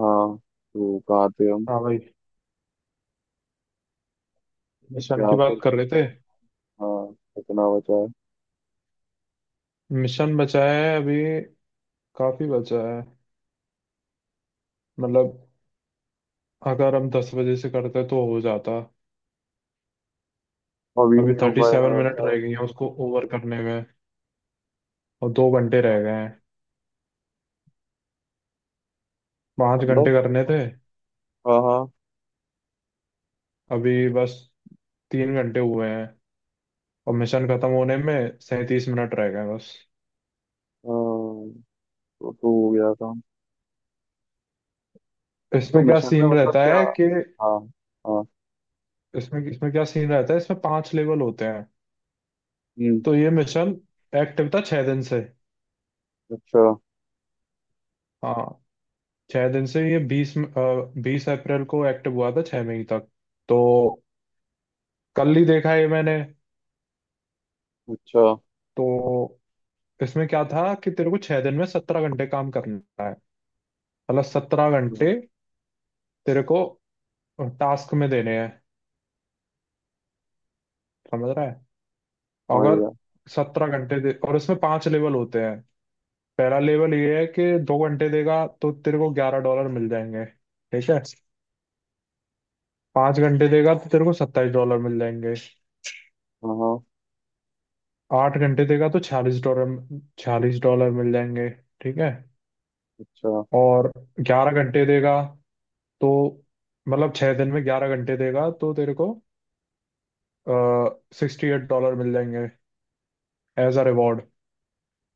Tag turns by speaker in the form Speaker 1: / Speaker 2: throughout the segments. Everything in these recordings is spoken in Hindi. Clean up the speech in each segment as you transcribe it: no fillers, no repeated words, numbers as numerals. Speaker 1: हाँ। तो कहाँ थे हम?
Speaker 2: हाँ भाई, मिशन
Speaker 1: क्या
Speaker 2: की
Speaker 1: फिर
Speaker 2: बात कर रहे
Speaker 1: कितना?
Speaker 2: थे।
Speaker 1: हाँ कितना बचा है?
Speaker 2: मिशन बचा है अभी, काफी बचा है। मतलब अगर हम 10 बजे से करते तो हो जाता।
Speaker 1: अभी
Speaker 2: अभी
Speaker 1: नहीं हो
Speaker 2: थर्टी
Speaker 1: पाया
Speaker 2: सेवन
Speaker 1: मेरे
Speaker 2: मिनट
Speaker 1: साथ।
Speaker 2: रह गई हैं उसको ओवर करने में, और 2 घंटे
Speaker 1: अच्छा।
Speaker 2: रह गए हैं। पाँच
Speaker 1: मतलब
Speaker 2: घंटे करने
Speaker 1: मतलब,
Speaker 2: थे।
Speaker 1: हाँ हाँ।
Speaker 2: अभी बस 3 घंटे हुए हैं, और मिशन खत्म होने में 37 मिनट रह गए हैं बस।
Speaker 1: हाँ, तो हो गया काम। तो
Speaker 2: इसमें क्या
Speaker 1: मिशन में
Speaker 2: सीन
Speaker 1: मतलब
Speaker 2: रहता
Speaker 1: क्या?
Speaker 2: है कि
Speaker 1: हाँ। हाँ।
Speaker 2: इसमें इसमें क्या सीन रहता है, इसमें पांच लेवल होते हैं।
Speaker 1: हम्म।
Speaker 2: तो ये मिशन एक्टिव था 6 दिन से।
Speaker 1: अच्छा।
Speaker 2: हाँ, 6 दिन से। ये बीस बीस अप्रैल को एक्टिव हुआ था, 6 मई तक। तो कल ही देखा ये मैंने।
Speaker 1: अच्छा।
Speaker 2: तो इसमें क्या था कि तेरे को 6 दिन में 17 घंटे काम करना है। मतलब सत्रह
Speaker 1: हाँ,
Speaker 2: घंटे तेरे को टास्क में देने हैं। समझ रहा है।
Speaker 1: समझ
Speaker 2: अगर
Speaker 1: गया।
Speaker 2: 17 घंटे दे और इसमें पांच लेवल होते हैं। पहला लेवल ये है कि 2 घंटे देगा तो तेरे को 11 डॉलर मिल जाएंगे, ठीक है। 5 घंटे देगा तो तेरे को 27 डॉलर मिल जाएंगे।
Speaker 1: हाँ हाँ।
Speaker 2: 8 घंटे देगा तो 46 डॉलर, 46 डॉलर मिल जाएंगे, ठीक है।
Speaker 1: अच्छा।
Speaker 2: और 11 घंटे देगा तो, मतलब 6 दिन में 11 घंटे देगा तो तेरे को 68 डॉलर मिल जाएंगे एज अ रिवॉर्ड।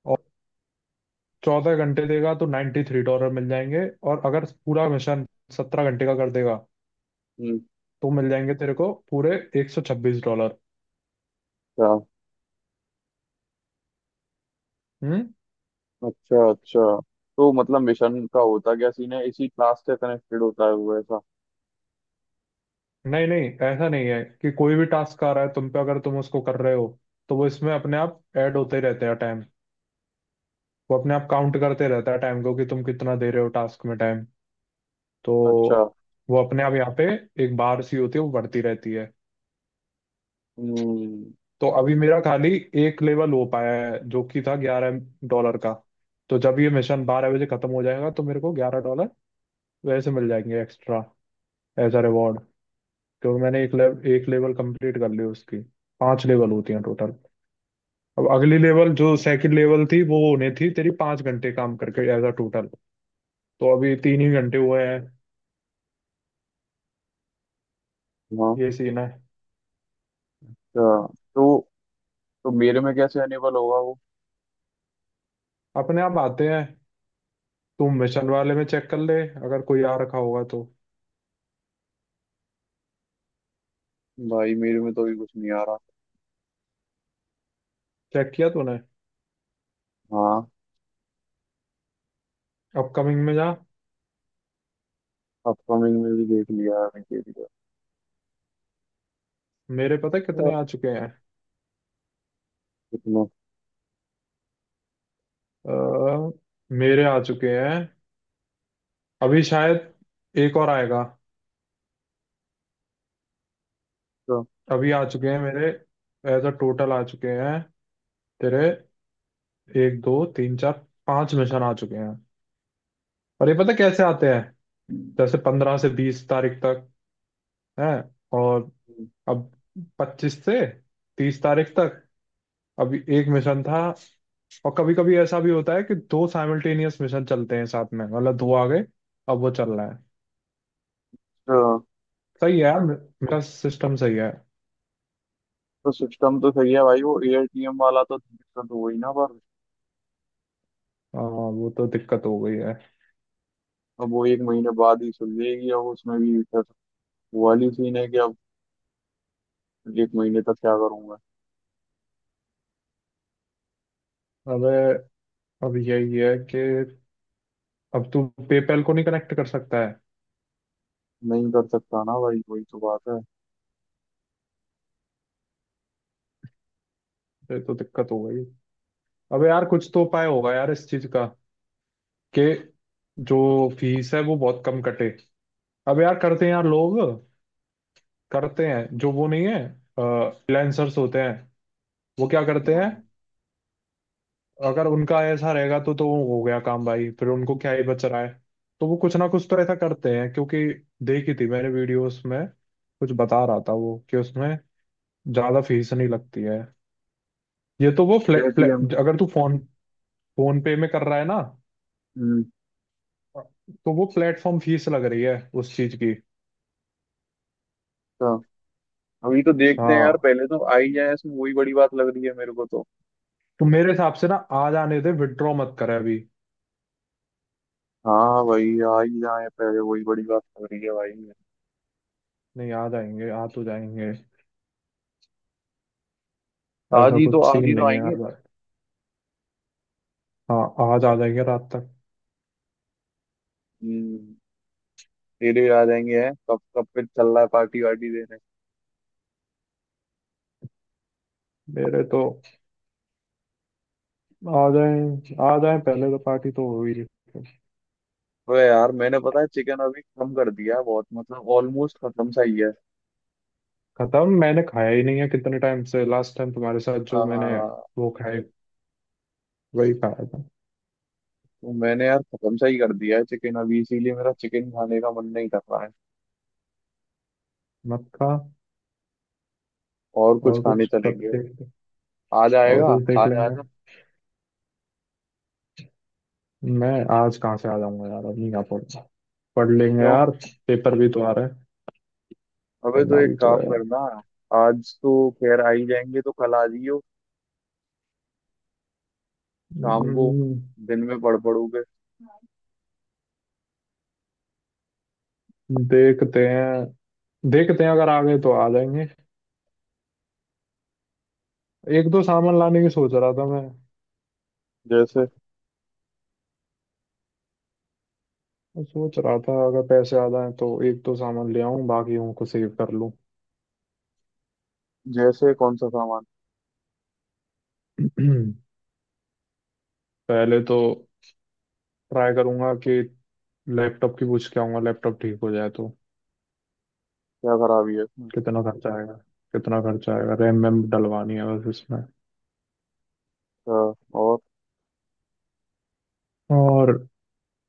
Speaker 2: और 14 घंटे देगा तो 93 डॉलर मिल जाएंगे, और अगर पूरा मिशन 17 घंटे का कर देगा
Speaker 1: हम्म।
Speaker 2: तो मिल जाएंगे तेरे को पूरे 126 डॉलर।
Speaker 1: क्या?
Speaker 2: हम्म।
Speaker 1: अच्छा अच्छा। तो मतलब मिशन का होता क्या सीन है, इसी क्लास से कनेक्टेड होता है वो ऐसा?
Speaker 2: नहीं नहीं, ऐसा नहीं है कि कोई भी टास्क आ रहा है तुम पे, अगर तुम उसको कर रहे हो तो वो इसमें अपने आप ऐड होते ही रहते हैं टाइम। वो अपने आप काउंट करते रहता है टाइम को, कि तुम कितना दे रहे हो टास्क में टाइम। तो
Speaker 1: अच्छा।
Speaker 2: वो अपने आप यहाँ पे एक बार सी होती है, वो बढ़ती रहती है।
Speaker 1: हम्म।
Speaker 2: तो अभी मेरा खाली एक लेवल हो पाया है, जो कि था 11 डॉलर का। तो जब ये मिशन 12 बजे खत्म हो जाएगा तो मेरे को 11 डॉलर वैसे मिल जाएंगे एक्स्ट्रा, एज अ रिवॉर्ड। क्योंकि मैंने एक लेवल कंप्लीट कर ली उसकी। पांच लेवल होती हैं टोटल। अब अगली लेवल जो सेकंड लेवल थी, वो होने थी तेरी 5 घंटे काम करके एज अ टोटल। तो अभी तीन ही घंटे हुए हैं।
Speaker 1: हाँ।
Speaker 2: ये सीन है।
Speaker 1: अच्छा। तो तो मेरे में कैसे अनेबल होगा वो?
Speaker 2: अपने आप आते हैं। तुम मिशन वाले में चेक कर ले, अगर कोई आ रखा होगा तो।
Speaker 1: भाई मेरे में तो अभी कुछ नहीं आ रहा।
Speaker 2: चेक किया तूने?
Speaker 1: हाँ।
Speaker 2: अपकमिंग में जा।
Speaker 1: अपकमिंग में भी देख लिया अभी के लिए।
Speaker 2: मेरे पता है
Speaker 1: हाँ।
Speaker 2: कितने आ चुके हैं।
Speaker 1: कितना?
Speaker 2: अ, मेरे आ चुके हैं अभी, शायद एक और आएगा।
Speaker 1: तो
Speaker 2: अभी आ चुके हैं मेरे, एज अ टोटल आ चुके हैं तेरे। एक दो तीन चार पांच मिशन आ चुके हैं। और ये पता है कैसे आते हैं? जैसे 15 से 20 तारीख तक है। और
Speaker 1: तो,
Speaker 2: अब 25 से 30 तारीख तक अभी एक मिशन था। और कभी कभी ऐसा भी होता है कि दो साइमल्टेनियस मिशन चलते हैं साथ में, मतलब दो आ गए। अब वो चल रहा है। सही है यार, मेरा सिस्टम सही है।
Speaker 1: तो सिस्टम तो सही है भाई, वो एआईटीएम वाला तो दिक्कत हो गई ना पर।
Speaker 2: हाँ, वो तो दिक्कत हो गई है।
Speaker 1: अब वो एक महीने बाद ही सुलझेगी, अब उसमें भी फिर वो वाली सीन है कि अब एक महीने तक क्या करूंगा।
Speaker 2: अबे, अब यही है कि अब तू पेपैल को नहीं कनेक्ट कर सकता है।
Speaker 1: नहीं कर सकता ना भाई वही तो बात है।
Speaker 2: ये तो दिक्कत हो गई। अबे यार, कुछ तो उपाय होगा यार इस चीज का, कि जो फीस है वो बहुत कम कटे। अबे यार, करते हैं यार लोग। करते हैं, जो वो नहीं है, फ्रीलांसर्स होते हैं, वो क्या करते हैं। अगर उनका ऐसा रहेगा तो वो हो गया काम भाई, फिर उनको क्या ही बच रहा है। तो वो कुछ ना कुछ तो ऐसा करते हैं। क्योंकि देखी थी मैंने वीडियोस में, कुछ बता रहा था वो कि उसमें ज्यादा फीस नहीं लगती है। ये तो वो फ्लैट
Speaker 1: एआईटीएम
Speaker 2: फ्लैट,
Speaker 1: में।
Speaker 2: अगर तू फोन फोन पे में कर रहा है ना,
Speaker 1: हम्म।
Speaker 2: तो वो प्लेटफॉर्म फीस लग रही है उस चीज की।
Speaker 1: तो अभी तो देखते हैं यार,
Speaker 2: हाँ,
Speaker 1: पहले तो आई जाए, इसमें वही बड़ी बात लग रही है मेरे को तो।
Speaker 2: तो मेरे हिसाब से ना, आ जाने दे, विड्रॉ मत करे अभी।
Speaker 1: हाँ भाई आज ही जाए पहले, वही बड़ी बात हो रही है भाई।
Speaker 2: नहीं, आ जाएंगे, आ तो जाएंगे।
Speaker 1: आज
Speaker 2: ऐसा
Speaker 1: ही तो
Speaker 2: कुछ
Speaker 1: आज
Speaker 2: सीन
Speaker 1: ही तो
Speaker 2: नहीं है
Speaker 1: आएंगे।
Speaker 2: आज। हाँ, आज आ जाएंगे रात तक।
Speaker 1: हम्म, तेरे आ जाएंगे हैं कब? कब पे चल रहा है पार्टी वार्टी देने?
Speaker 2: मेरे तो, आ जाए पहले, तो पार्टी तो हो ही रही है।
Speaker 1: अबे यार मैंने पता है चिकन अभी कम कर दिया है बहुत, मतलब ऑलमोस्ट खत्म सा ही है।
Speaker 2: खत्म, मैंने खाया ही नहीं है कितने टाइम से, लास्ट टाइम तुम्हारे साथ जो मैंने
Speaker 1: तो
Speaker 2: वो खाए, वही खाया था।
Speaker 1: मैंने यार खत्म सा ही कर दिया है चिकन अभी, इसीलिए मेरा चिकन खाने का मन नहीं कर रहा है।
Speaker 2: मत खा।
Speaker 1: और कुछ
Speaker 2: और
Speaker 1: खाने
Speaker 2: कुछ कर
Speaker 1: चलेंगे।
Speaker 2: देख,
Speaker 1: आज
Speaker 2: और
Speaker 1: आएगा?
Speaker 2: कुछ देख
Speaker 1: आज आ
Speaker 2: लेंगे।
Speaker 1: जा।
Speaker 2: मैं आज कहाँ से आ जाऊंगा यार, अब नहीं आ पाऊंगा। पढ़ लेंगे
Speaker 1: क्यों?
Speaker 2: यार, पेपर भी तो आ रहे हैं,
Speaker 1: अबे तो
Speaker 2: पढ़ना
Speaker 1: एक
Speaker 2: भी तो
Speaker 1: काम
Speaker 2: है।
Speaker 1: करना। आज तो खैर आ ही जाएंगे तो कल आ जियो शाम को।
Speaker 2: हम्म।
Speaker 1: दिन में पड़ोगे।
Speaker 2: देखते हैं, देखते हैं, अगर आ गए तो आ जाएंगे। एक दो सामान लाने की सोच रहा था मैं।
Speaker 1: जैसे
Speaker 2: मैं सोच रहा था अगर पैसे आ जाएं तो एक तो सामान ले आऊं, बाकियों को सेव कर लूं।
Speaker 1: जैसे कौन सा सामान?
Speaker 2: पहले तो ट्राई करूंगा कि लैपटॉप की पूछ के आऊंगा, लैपटॉप ठीक हो जाए तो
Speaker 1: क्या खराबी है इसमें?
Speaker 2: कितना खर्चा आएगा, कितना खर्चा आएगा। रैम वैम डलवानी है बस इसमें।
Speaker 1: अच्छा और
Speaker 2: और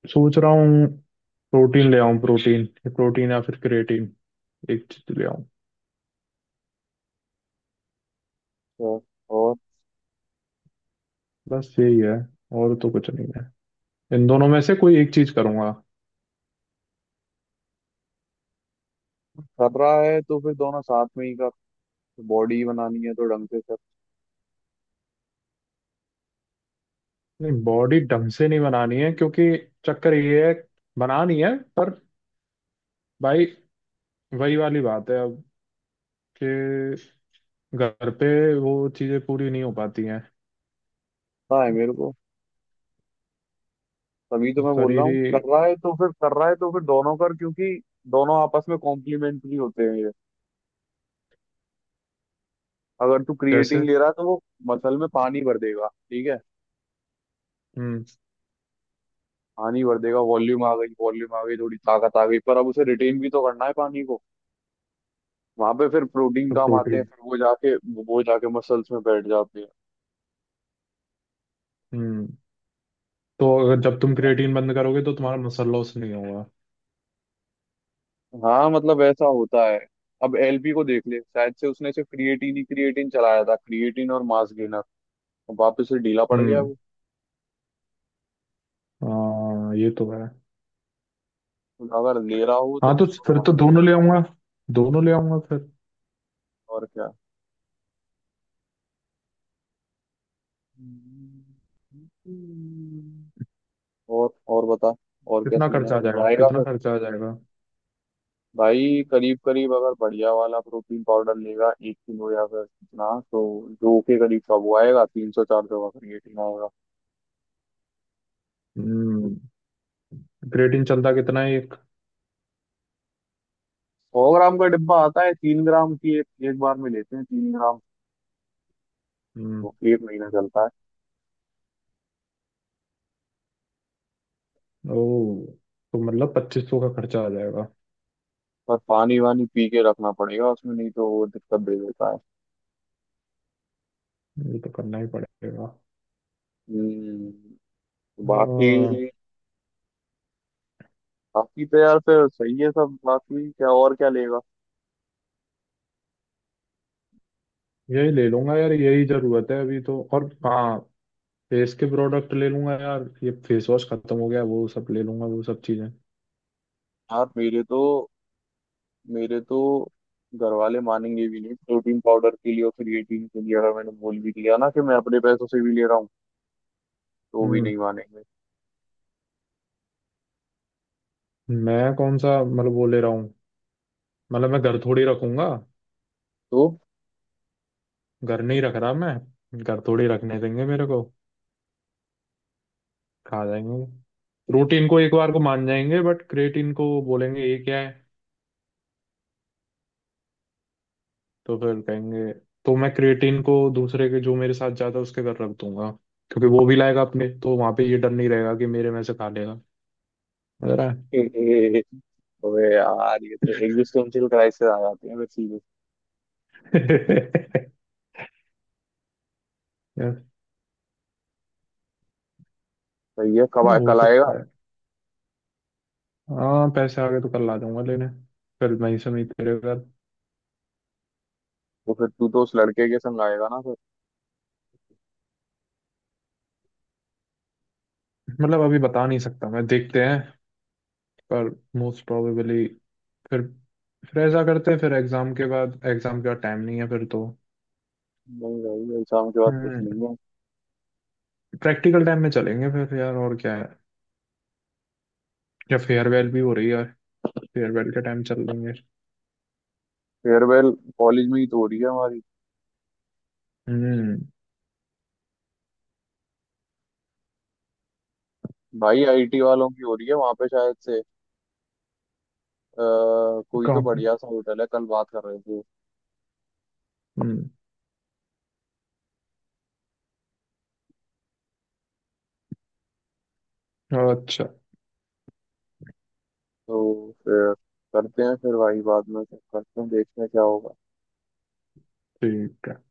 Speaker 2: सोच रहा हूँ प्रोटीन ले आऊं, प्रोटीन प्रोटीन या फिर क्रिएटिन, एक चीज ले आऊं।
Speaker 1: अच्छा। और,
Speaker 2: बस यही है, और तो कुछ नहीं है। इन दोनों में से कोई एक चीज करूंगा।
Speaker 1: कर रहा है तो फिर दोनों साथ में ही कर। बॉडी बनानी है तो ढंग से करता
Speaker 2: नहीं, बॉडी ढंग से नहीं बनानी है, क्योंकि चक्कर ये है, बनानी है पर भाई वही वाली बात है अब, कि घर पे वो चीजें पूरी नहीं हो पाती हैं।
Speaker 1: है मेरे को। तभी तो मैं बोल रहा
Speaker 2: शरीर
Speaker 1: हूँ कि
Speaker 2: ही,
Speaker 1: कर रहा है तो फिर कर रहा है तो फिर दोनों कर, क्योंकि दोनों आपस में कॉम्प्लीमेंट्री होते हैं ये। अगर तू क्रिएटिन
Speaker 2: जैसे।
Speaker 1: ले रहा है तो वो मसल में पानी भर देगा, ठीक है।
Speaker 2: हम्म।
Speaker 1: पानी भर देगा, वॉल्यूम आ गई, वॉल्यूम आ गई, थोड़ी ताकत आ गई, पर अब उसे रिटेन भी तो करना है पानी को। वहां पे फिर प्रोटीन
Speaker 2: तो
Speaker 1: काम आते हैं,
Speaker 2: प्रोटीन।
Speaker 1: फिर वो जाके मसल्स में बैठ जाते
Speaker 2: हम्म। तो अगर जब तुम
Speaker 1: हैं।
Speaker 2: क्रिएटिन बंद करोगे तो तुम्हारा मसल लॉस नहीं होगा।
Speaker 1: हाँ मतलब ऐसा होता है। अब एलपी को देख ले, शायद से उसने सिर्फ क्रिएटिन ही क्रिएटिन चलाया था, क्रिएटिन और मास गेनर, वापस से ढीला पड़ गया
Speaker 2: हम्म।
Speaker 1: वो।
Speaker 2: हाँ, ये तो है।
Speaker 1: तो अगर ले रहा हो तो
Speaker 2: हाँ, तो
Speaker 1: दोनों
Speaker 2: फिर
Speaker 1: साथ।
Speaker 2: तो दोनों ले आऊंगा, दोनों ले आऊंगा फिर।
Speaker 1: और क्या। हम्म। और बता, और क्या
Speaker 2: कितना
Speaker 1: सीन है?
Speaker 2: खर्चा आ जाएगा,
Speaker 1: लाएगा
Speaker 2: कितना
Speaker 1: फिर?
Speaker 2: खर्चा आ जाएगा।
Speaker 1: भाई करीब करीब अगर बढ़िया वाला प्रोटीन पाउडर लेगा एक किलो या फिर कितना, तो दो के करीब का वो आएगा, तीन सौ चार सौ का क्रिएटिन आएगा।
Speaker 2: हम्म। क्रिएटिन चलता कितना है एक।
Speaker 1: सौ ग्राम का डिब्बा आता है, तीन ग्राम की एक, एक बार में लेते हैं तीन ग्राम।
Speaker 2: हम्म।
Speaker 1: तो एक महीना चलता है।
Speaker 2: ओ, तो मतलब 2500 का खर्चा आ जाएगा।
Speaker 1: पर पानी वानी पी के रखना पड़ेगा उसमें, नहीं तो वो दिक्कत दे देता है।
Speaker 2: ये तो करना ही पड़ेगा।
Speaker 1: हम्म। बाकी,
Speaker 2: हाँ।
Speaker 1: बाकी तो यार फिर सही है सब, बाकी क्या और क्या लेगा?
Speaker 2: यही ले लूंगा यार, यही जरूरत है अभी तो, और हाँ फेस के प्रोडक्ट ले लूंगा यार, ये फेस वॉश खत्म हो गया, वो सब ले लूंगा, वो सब चीजें।
Speaker 1: यार मेरे तो घर वाले मानेंगे भी नहीं प्रोटीन पाउडर के लिए और क्रिएटिन के लिए, अगर मैंने बोल भी दिया ना कि मैं अपने पैसों से भी ले रहा हूँ तो भी
Speaker 2: हम्म।
Speaker 1: नहीं मानेंगे।
Speaker 2: मैं कौन सा मतलब वो ले रहा हूँ, मतलब मैं घर थोड़ी रखूंगा।
Speaker 1: तो
Speaker 2: घर नहीं रख रहा, मैं घर थोड़ी रखने देंगे मेरे को। खा जाएंगे। प्रोटीन को एक बार को मान जाएंगे, बट क्रिएटिन को बोलेंगे ये क्या है। तो फिर कहेंगे, तो मैं क्रिएटिन को दूसरे के, जो मेरे साथ जाता है उसके घर रख दूंगा। क्योंकि वो भी लाएगा अपने, तो वहां पे ये डर नहीं रहेगा कि मेरे में से खा लेगा। समझ रहा है।
Speaker 1: अबे यार ये तो एग्जिस्टेंशियल क्राइसिस आ जाते हैं फिर सीधे।
Speaker 2: यार।
Speaker 1: सही है।
Speaker 2: हाँ, हो
Speaker 1: कल आएगा?
Speaker 2: सकता है। हाँ, पैसे आ गए तो कल आ जाऊंगा लेने, फिर वहीं से मैं तेरे घर।
Speaker 1: वो फिर तू तो उस लड़के के संग आएगा ना फिर?
Speaker 2: मतलब अभी बता नहीं सकता मैं, देखते हैं। पर मोस्ट प्रोबेबली, फिर फिर ऐसा करते हैं, फिर एग्जाम के बाद टाइम नहीं है फिर तो।
Speaker 1: नहीं भाई अभी शाम के बाद कुछ
Speaker 2: हम्म।
Speaker 1: नहीं है।
Speaker 2: प्रैक्टिकल टाइम में चलेंगे फिर यार, और क्या। या फेयरवेल भी हो रही है, फेयरवेल का टाइम चल रही है।
Speaker 1: फेयरवेल कॉलेज में ही तो हो रही है हमारी।
Speaker 2: हम्म।
Speaker 1: भाई आईटी वालों की हो रही है वहां पे शायद से। आ, कोई तो
Speaker 2: काफी।
Speaker 1: बढ़िया सा होटल है, कल बात कर रहे थे।
Speaker 2: हम्म। अच्छा।
Speaker 1: तो फिर करते हैं फिर भाई, बाद में करते हैं, देखते हैं क्या होगा।
Speaker 2: ठीक है।